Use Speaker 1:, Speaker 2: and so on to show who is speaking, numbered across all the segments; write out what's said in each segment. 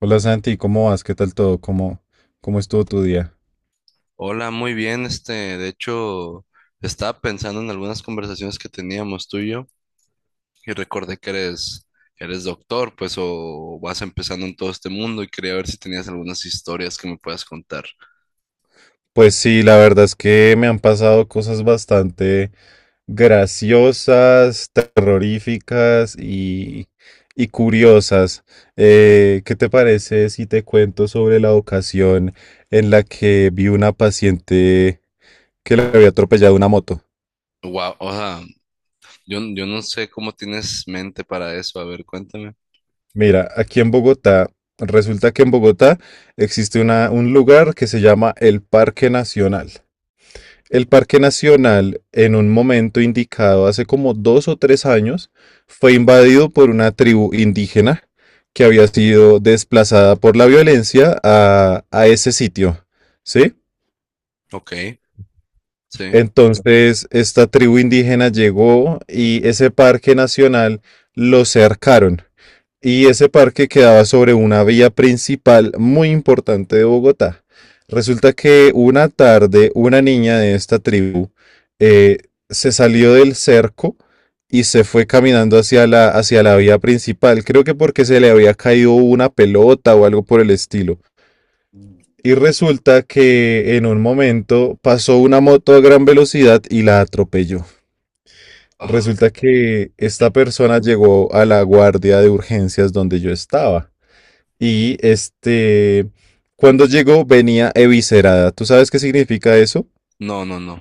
Speaker 1: Hola Santi, ¿cómo vas? ¿Qué tal todo? ¿Cómo estuvo tu día?
Speaker 2: Hola, muy bien. De hecho, estaba pensando en algunas conversaciones que teníamos tú y yo y recordé que eres doctor, pues, o vas empezando en todo este mundo y quería ver si tenías algunas historias que me puedas contar.
Speaker 1: Pues sí, la verdad es que me han pasado cosas bastante graciosas, terroríficas y curiosas. ¿Qué te parece si te cuento sobre la ocasión en la que vi una paciente que le había atropellado una moto?
Speaker 2: Wow, o sea, yo no sé cómo tienes mente para eso. A ver, cuéntame.
Speaker 1: Mira, aquí en Bogotá, resulta que en Bogotá existe un lugar que se llama el Parque Nacional. El Parque Nacional, en un momento indicado hace como 2 o 3 años, fue invadido por una tribu indígena que había sido desplazada por la violencia a ese sitio, ¿sí?
Speaker 2: Ok, sí.
Speaker 1: Entonces, esta tribu indígena llegó y ese Parque Nacional lo cercaron. Y ese parque quedaba sobre una vía principal muy importante de Bogotá. Resulta que una tarde una niña de esta tribu eh, se salió del cerco y se fue caminando hacia la vía principal. Creo que porque se le había caído una pelota o algo por el estilo. Y resulta que en un momento pasó una moto a gran velocidad y la atropelló.
Speaker 2: Ah,
Speaker 1: Resulta que esta persona llegó a la guardia de urgencias donde yo estaba. Y este, cuando llegó venía eviscerada. ¿Tú sabes qué significa eso?
Speaker 2: no, no, no.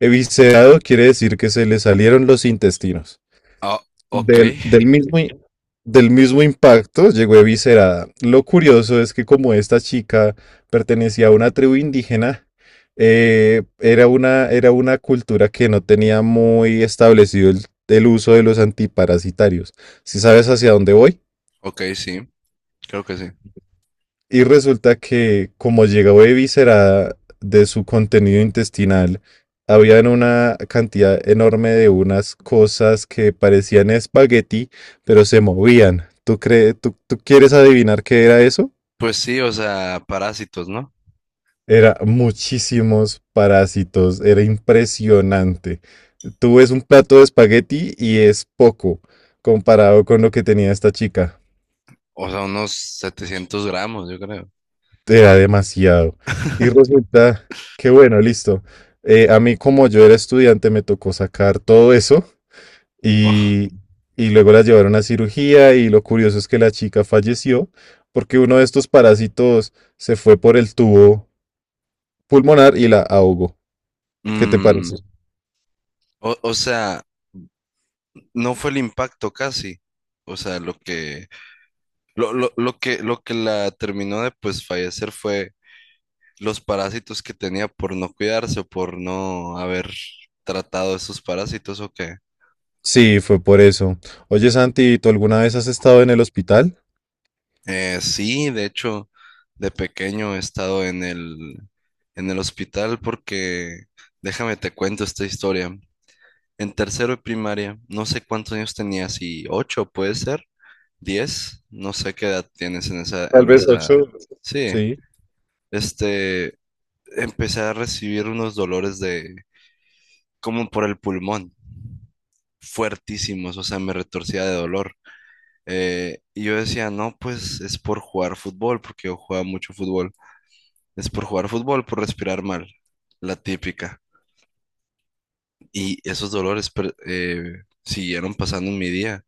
Speaker 1: Eviscerado quiere decir que se le salieron los intestinos.
Speaker 2: Ah, ok,
Speaker 1: Del mismo impacto llegó eviscerada. Lo curioso es que como esta chica pertenecía a una tribu indígena, era una cultura que no tenía muy establecido el uso de los antiparasitarios. ¿Si sabes hacia dónde voy?
Speaker 2: ok, sí. Creo que sí.
Speaker 1: Y resulta que como llegó eviscerada de su contenido intestinal, habían una cantidad enorme de unas cosas que parecían espagueti, pero se movían. ¿Tú crees, tú quieres adivinar qué era eso?
Speaker 2: Pues sí, o sea, parásitos, ¿no?
Speaker 1: Era muchísimos parásitos, era impresionante. Tú ves un plato de espagueti y es poco comparado con lo que tenía esta chica.
Speaker 2: O sea, unos 700 gramos, yo creo.
Speaker 1: Era demasiado. Y resulta que, bueno, listo. A mí, como yo era estudiante, me tocó sacar todo eso
Speaker 2: Oh.
Speaker 1: y, y luego la llevaron a cirugía y lo curioso es que la chica falleció porque uno de estos parásitos se fue por el tubo pulmonar y la ahogó. ¿Qué te
Speaker 2: Mm,
Speaker 1: parece?
Speaker 2: o, no fue el impacto casi. O sea, lo que la terminó de pues fallecer fue los parásitos que tenía por no cuidarse o por no haber tratado esos parásitos o qué.
Speaker 1: Sí, fue por eso. Oye, Santi, ¿tú alguna vez has estado en el hospital?
Speaker 2: Sí, de hecho, de pequeño he estado en el hospital porque, déjame te cuento esta historia. En tercero de primaria, no sé cuántos años tenías, y ocho puede ser, 10, no sé qué edad tienes en esa,
Speaker 1: Tal
Speaker 2: en
Speaker 1: vez ocho.
Speaker 2: esa, sí,
Speaker 1: Sí.
Speaker 2: este, empecé a recibir unos dolores de, como por el pulmón, fuertísimos, o sea, me retorcía de dolor. Y yo decía, no, pues es por jugar fútbol, porque yo jugaba mucho fútbol, es por jugar fútbol, por respirar mal, la típica. Y esos dolores siguieron pasando en mi día.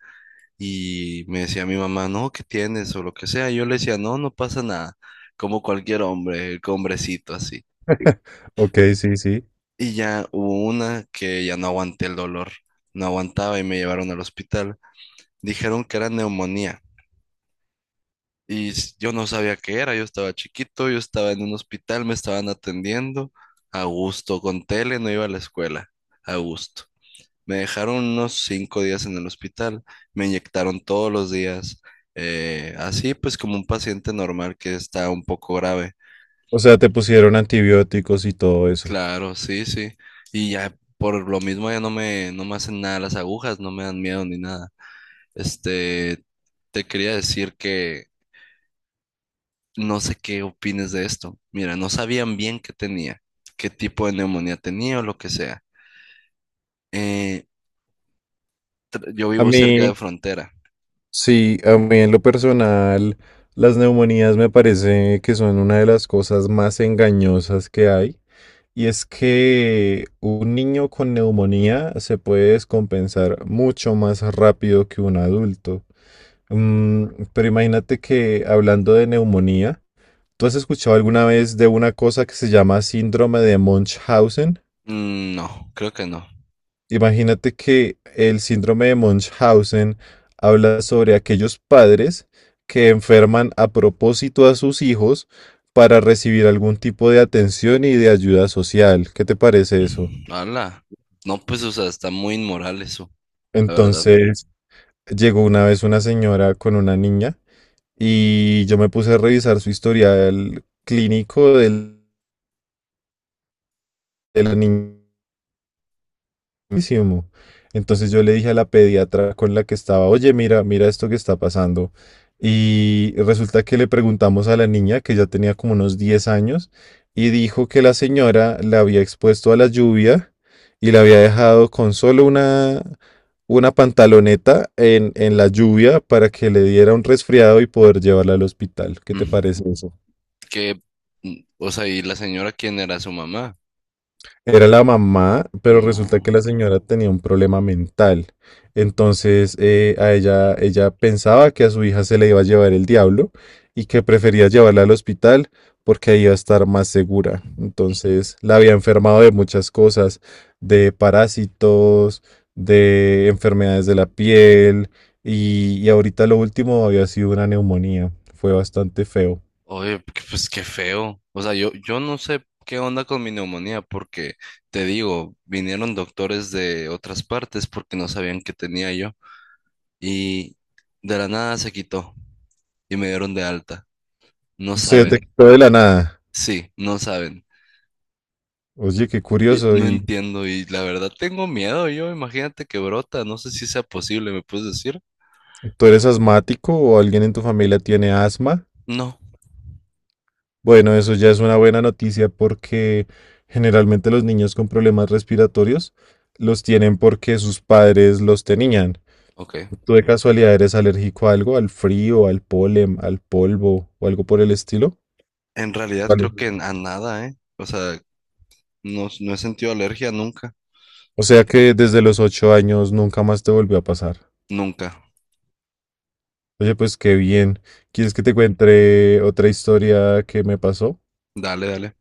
Speaker 2: Y me decía mi mamá, no, ¿qué tienes? O lo que sea. Yo le decía, no, no pasa nada. Como cualquier hombre, hombrecito así.
Speaker 1: Ok, sí, sí.
Speaker 2: Y ya hubo una que ya no aguanté el dolor. No aguantaba y me llevaron al hospital. Dijeron que era neumonía. Yo no sabía qué era. Yo estaba chiquito, yo estaba en un hospital, me estaban atendiendo. A gusto, con tele, no iba a la escuela. A gusto. Me dejaron unos 5 días en el hospital, me inyectaron todos los días, así pues como un paciente normal que está un poco grave.
Speaker 1: O sea, te pusieron antibióticos y todo eso.
Speaker 2: Claro, sí, sí. Y ya por lo mismo ya no me hacen nada las agujas, no me dan miedo ni nada. Este, te quería decir que no sé qué opines de esto. Mira, no sabían bien qué tenía, qué tipo de neumonía tenía o lo que sea. Eh, yo
Speaker 1: A
Speaker 2: vivo cerca de
Speaker 1: mí,
Speaker 2: frontera.
Speaker 1: sí, a mí en lo personal, las neumonías me parece que son una de las cosas más engañosas que hay. Y es que un niño con neumonía se puede descompensar mucho más rápido que un adulto. Mm, pero imagínate que hablando de neumonía, ¿tú has escuchado alguna vez de una cosa que se llama síndrome de Munchausen?
Speaker 2: Mm, no, creo que no.
Speaker 1: Imagínate que el síndrome de Munchausen habla sobre aquellos padres que enferman a propósito a sus hijos para recibir algún tipo de atención y de ayuda social. ¿Qué te parece eso?
Speaker 2: Ala. No, pues, o sea, está muy inmoral eso, la verdad.
Speaker 1: Entonces, llegó una vez una señora con una niña y yo me puse a revisar su historial clínico de la niña. Buenísimo. Entonces yo le dije a la pediatra con la que estaba, oye, mira, mira esto que está pasando. Y resulta que le preguntamos a la niña, que ya tenía como unos 10 años, y dijo que la señora la había expuesto a la lluvia y la había dejado con solo una pantaloneta en la lluvia para que le diera un resfriado y poder llevarla al hospital. ¿Qué te
Speaker 2: Mm.
Speaker 1: parece eso?
Speaker 2: Que, mm, o sea, ¿y la señora quién era su mamá?
Speaker 1: Era la mamá, pero resulta que
Speaker 2: No.
Speaker 1: la señora tenía un problema mental. Entonces, ella pensaba que a su hija se le iba a llevar el diablo y que prefería llevarla al hospital porque ahí iba a estar más segura. Entonces, la había enfermado de muchas cosas, de parásitos, de enfermedades de la piel y ahorita lo último había sido una neumonía. Fue bastante feo.
Speaker 2: Oye, pues qué feo. O sea, yo no sé qué onda con mi neumonía, porque te digo, vinieron doctores de otras partes porque no sabían qué tenía yo. Y de la nada se quitó y me dieron de alta. No
Speaker 1: Se
Speaker 2: saben.
Speaker 1: detectó de la nada.
Speaker 2: Sí, no saben.
Speaker 1: Oye, qué
Speaker 2: Y
Speaker 1: curioso.
Speaker 2: no
Speaker 1: Y,
Speaker 2: entiendo y la verdad tengo miedo yo, imagínate que brota, no sé si sea posible, ¿me puedes decir?
Speaker 1: ¿tú eres asmático o alguien en tu familia tiene asma?
Speaker 2: No,
Speaker 1: Bueno, eso ya es una buena noticia porque generalmente los niños con problemas respiratorios los tienen porque sus padres los tenían.
Speaker 2: ok.
Speaker 1: ¿Tú de casualidad eres alérgico a algo, al frío, al polen, al polvo o algo por el estilo?
Speaker 2: En realidad creo
Speaker 1: Vale.
Speaker 2: que a nada, ¿eh? O sea, no, no he sentido alergia nunca,
Speaker 1: O sea que desde los 8 años nunca más te volvió a pasar.
Speaker 2: nunca.
Speaker 1: Oye, pues qué bien. ¿Quieres que te cuente otra historia que me pasó?
Speaker 2: Dale, dale.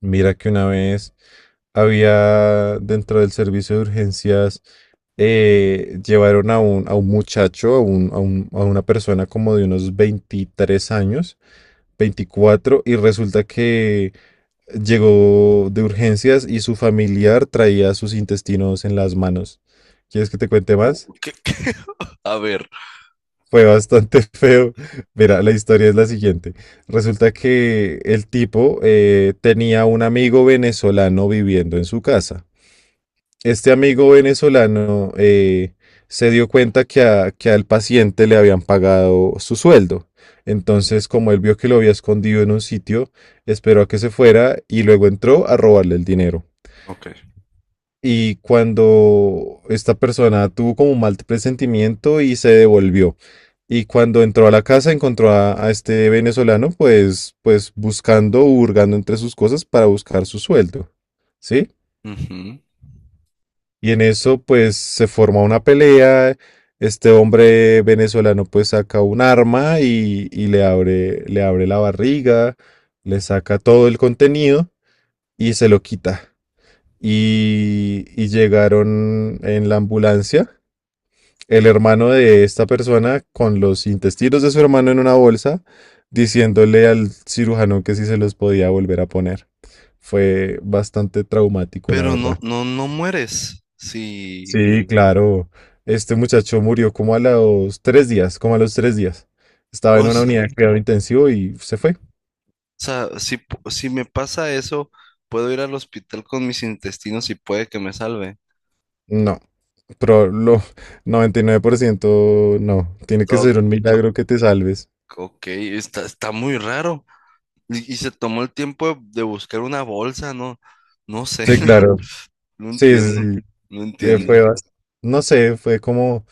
Speaker 1: Mira que una vez había dentro del servicio de urgencias, llevaron a un muchacho, a una persona como de unos 23 años, 24 y resulta que llegó de urgencias y su familiar traía sus intestinos en las manos. ¿Quieres que te cuente
Speaker 2: Uh,
Speaker 1: más?
Speaker 2: ¿qué- qué? A ver.
Speaker 1: Fue bastante feo. Mira, la historia es la siguiente. Resulta que el tipo tenía un amigo venezolano viviendo en su casa. Este amigo venezolano se dio cuenta que, al paciente le habían pagado su sueldo. Entonces, como él vio que lo había escondido en un sitio, esperó a que se fuera y luego entró a robarle el dinero.
Speaker 2: Ok.
Speaker 1: Y cuando esta persona tuvo como un mal presentimiento y se devolvió. Y cuando entró a la casa encontró a este venezolano pues, pues buscando, hurgando entre sus cosas para buscar su sueldo. ¿Sí?
Speaker 2: Ujú.
Speaker 1: Y en eso, pues, se forma una pelea. Este hombre venezolano, pues, saca un arma y le abre la barriga, le saca todo el contenido y se lo quita. Y llegaron en la ambulancia el hermano de esta persona con los intestinos de su hermano en una bolsa, diciéndole al cirujano que si se los podía volver a poner. Fue bastante traumático, la
Speaker 2: Pero
Speaker 1: verdad.
Speaker 2: no, no, no mueres. Si,
Speaker 1: Sí, claro. Este muchacho murió como a los 3 días, como a los tres días. Estaba en
Speaker 2: o
Speaker 1: una
Speaker 2: sea,
Speaker 1: unidad de cuidado intensivo y se fue.
Speaker 2: si me pasa eso, puedo ir al hospital con mis intestinos y puede que me salve.
Speaker 1: No, pero lo 99% no. Tiene que
Speaker 2: O-
Speaker 1: ser un
Speaker 2: o-
Speaker 1: milagro que te salves.
Speaker 2: ok, está muy raro. Y se tomó el tiempo de buscar una bolsa, no, no sé,
Speaker 1: Sí, claro.
Speaker 2: no
Speaker 1: Sí, sí,
Speaker 2: entiendo, no
Speaker 1: sí. eh,
Speaker 2: entiendo.
Speaker 1: fue bas- no sé, fue como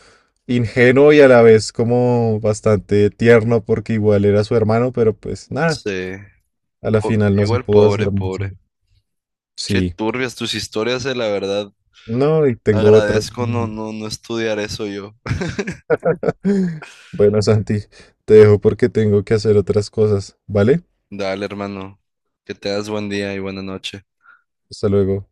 Speaker 1: ingenuo y a la vez como bastante tierno porque igual era su hermano, pero pues nada,
Speaker 2: Sí,
Speaker 1: a la final no se
Speaker 2: igual
Speaker 1: pudo
Speaker 2: pobre,
Speaker 1: hacer mucho.
Speaker 2: pobre. Qué
Speaker 1: Sí.
Speaker 2: turbias tus historias, la verdad.
Speaker 1: No, y tengo otras.
Speaker 2: Agradezco no, no, no estudiar eso yo.
Speaker 1: Bueno, Santi, te dejo porque tengo que hacer otras cosas, ¿vale?
Speaker 2: Dale, hermano, que te das buen día y buena noche.
Speaker 1: Hasta luego.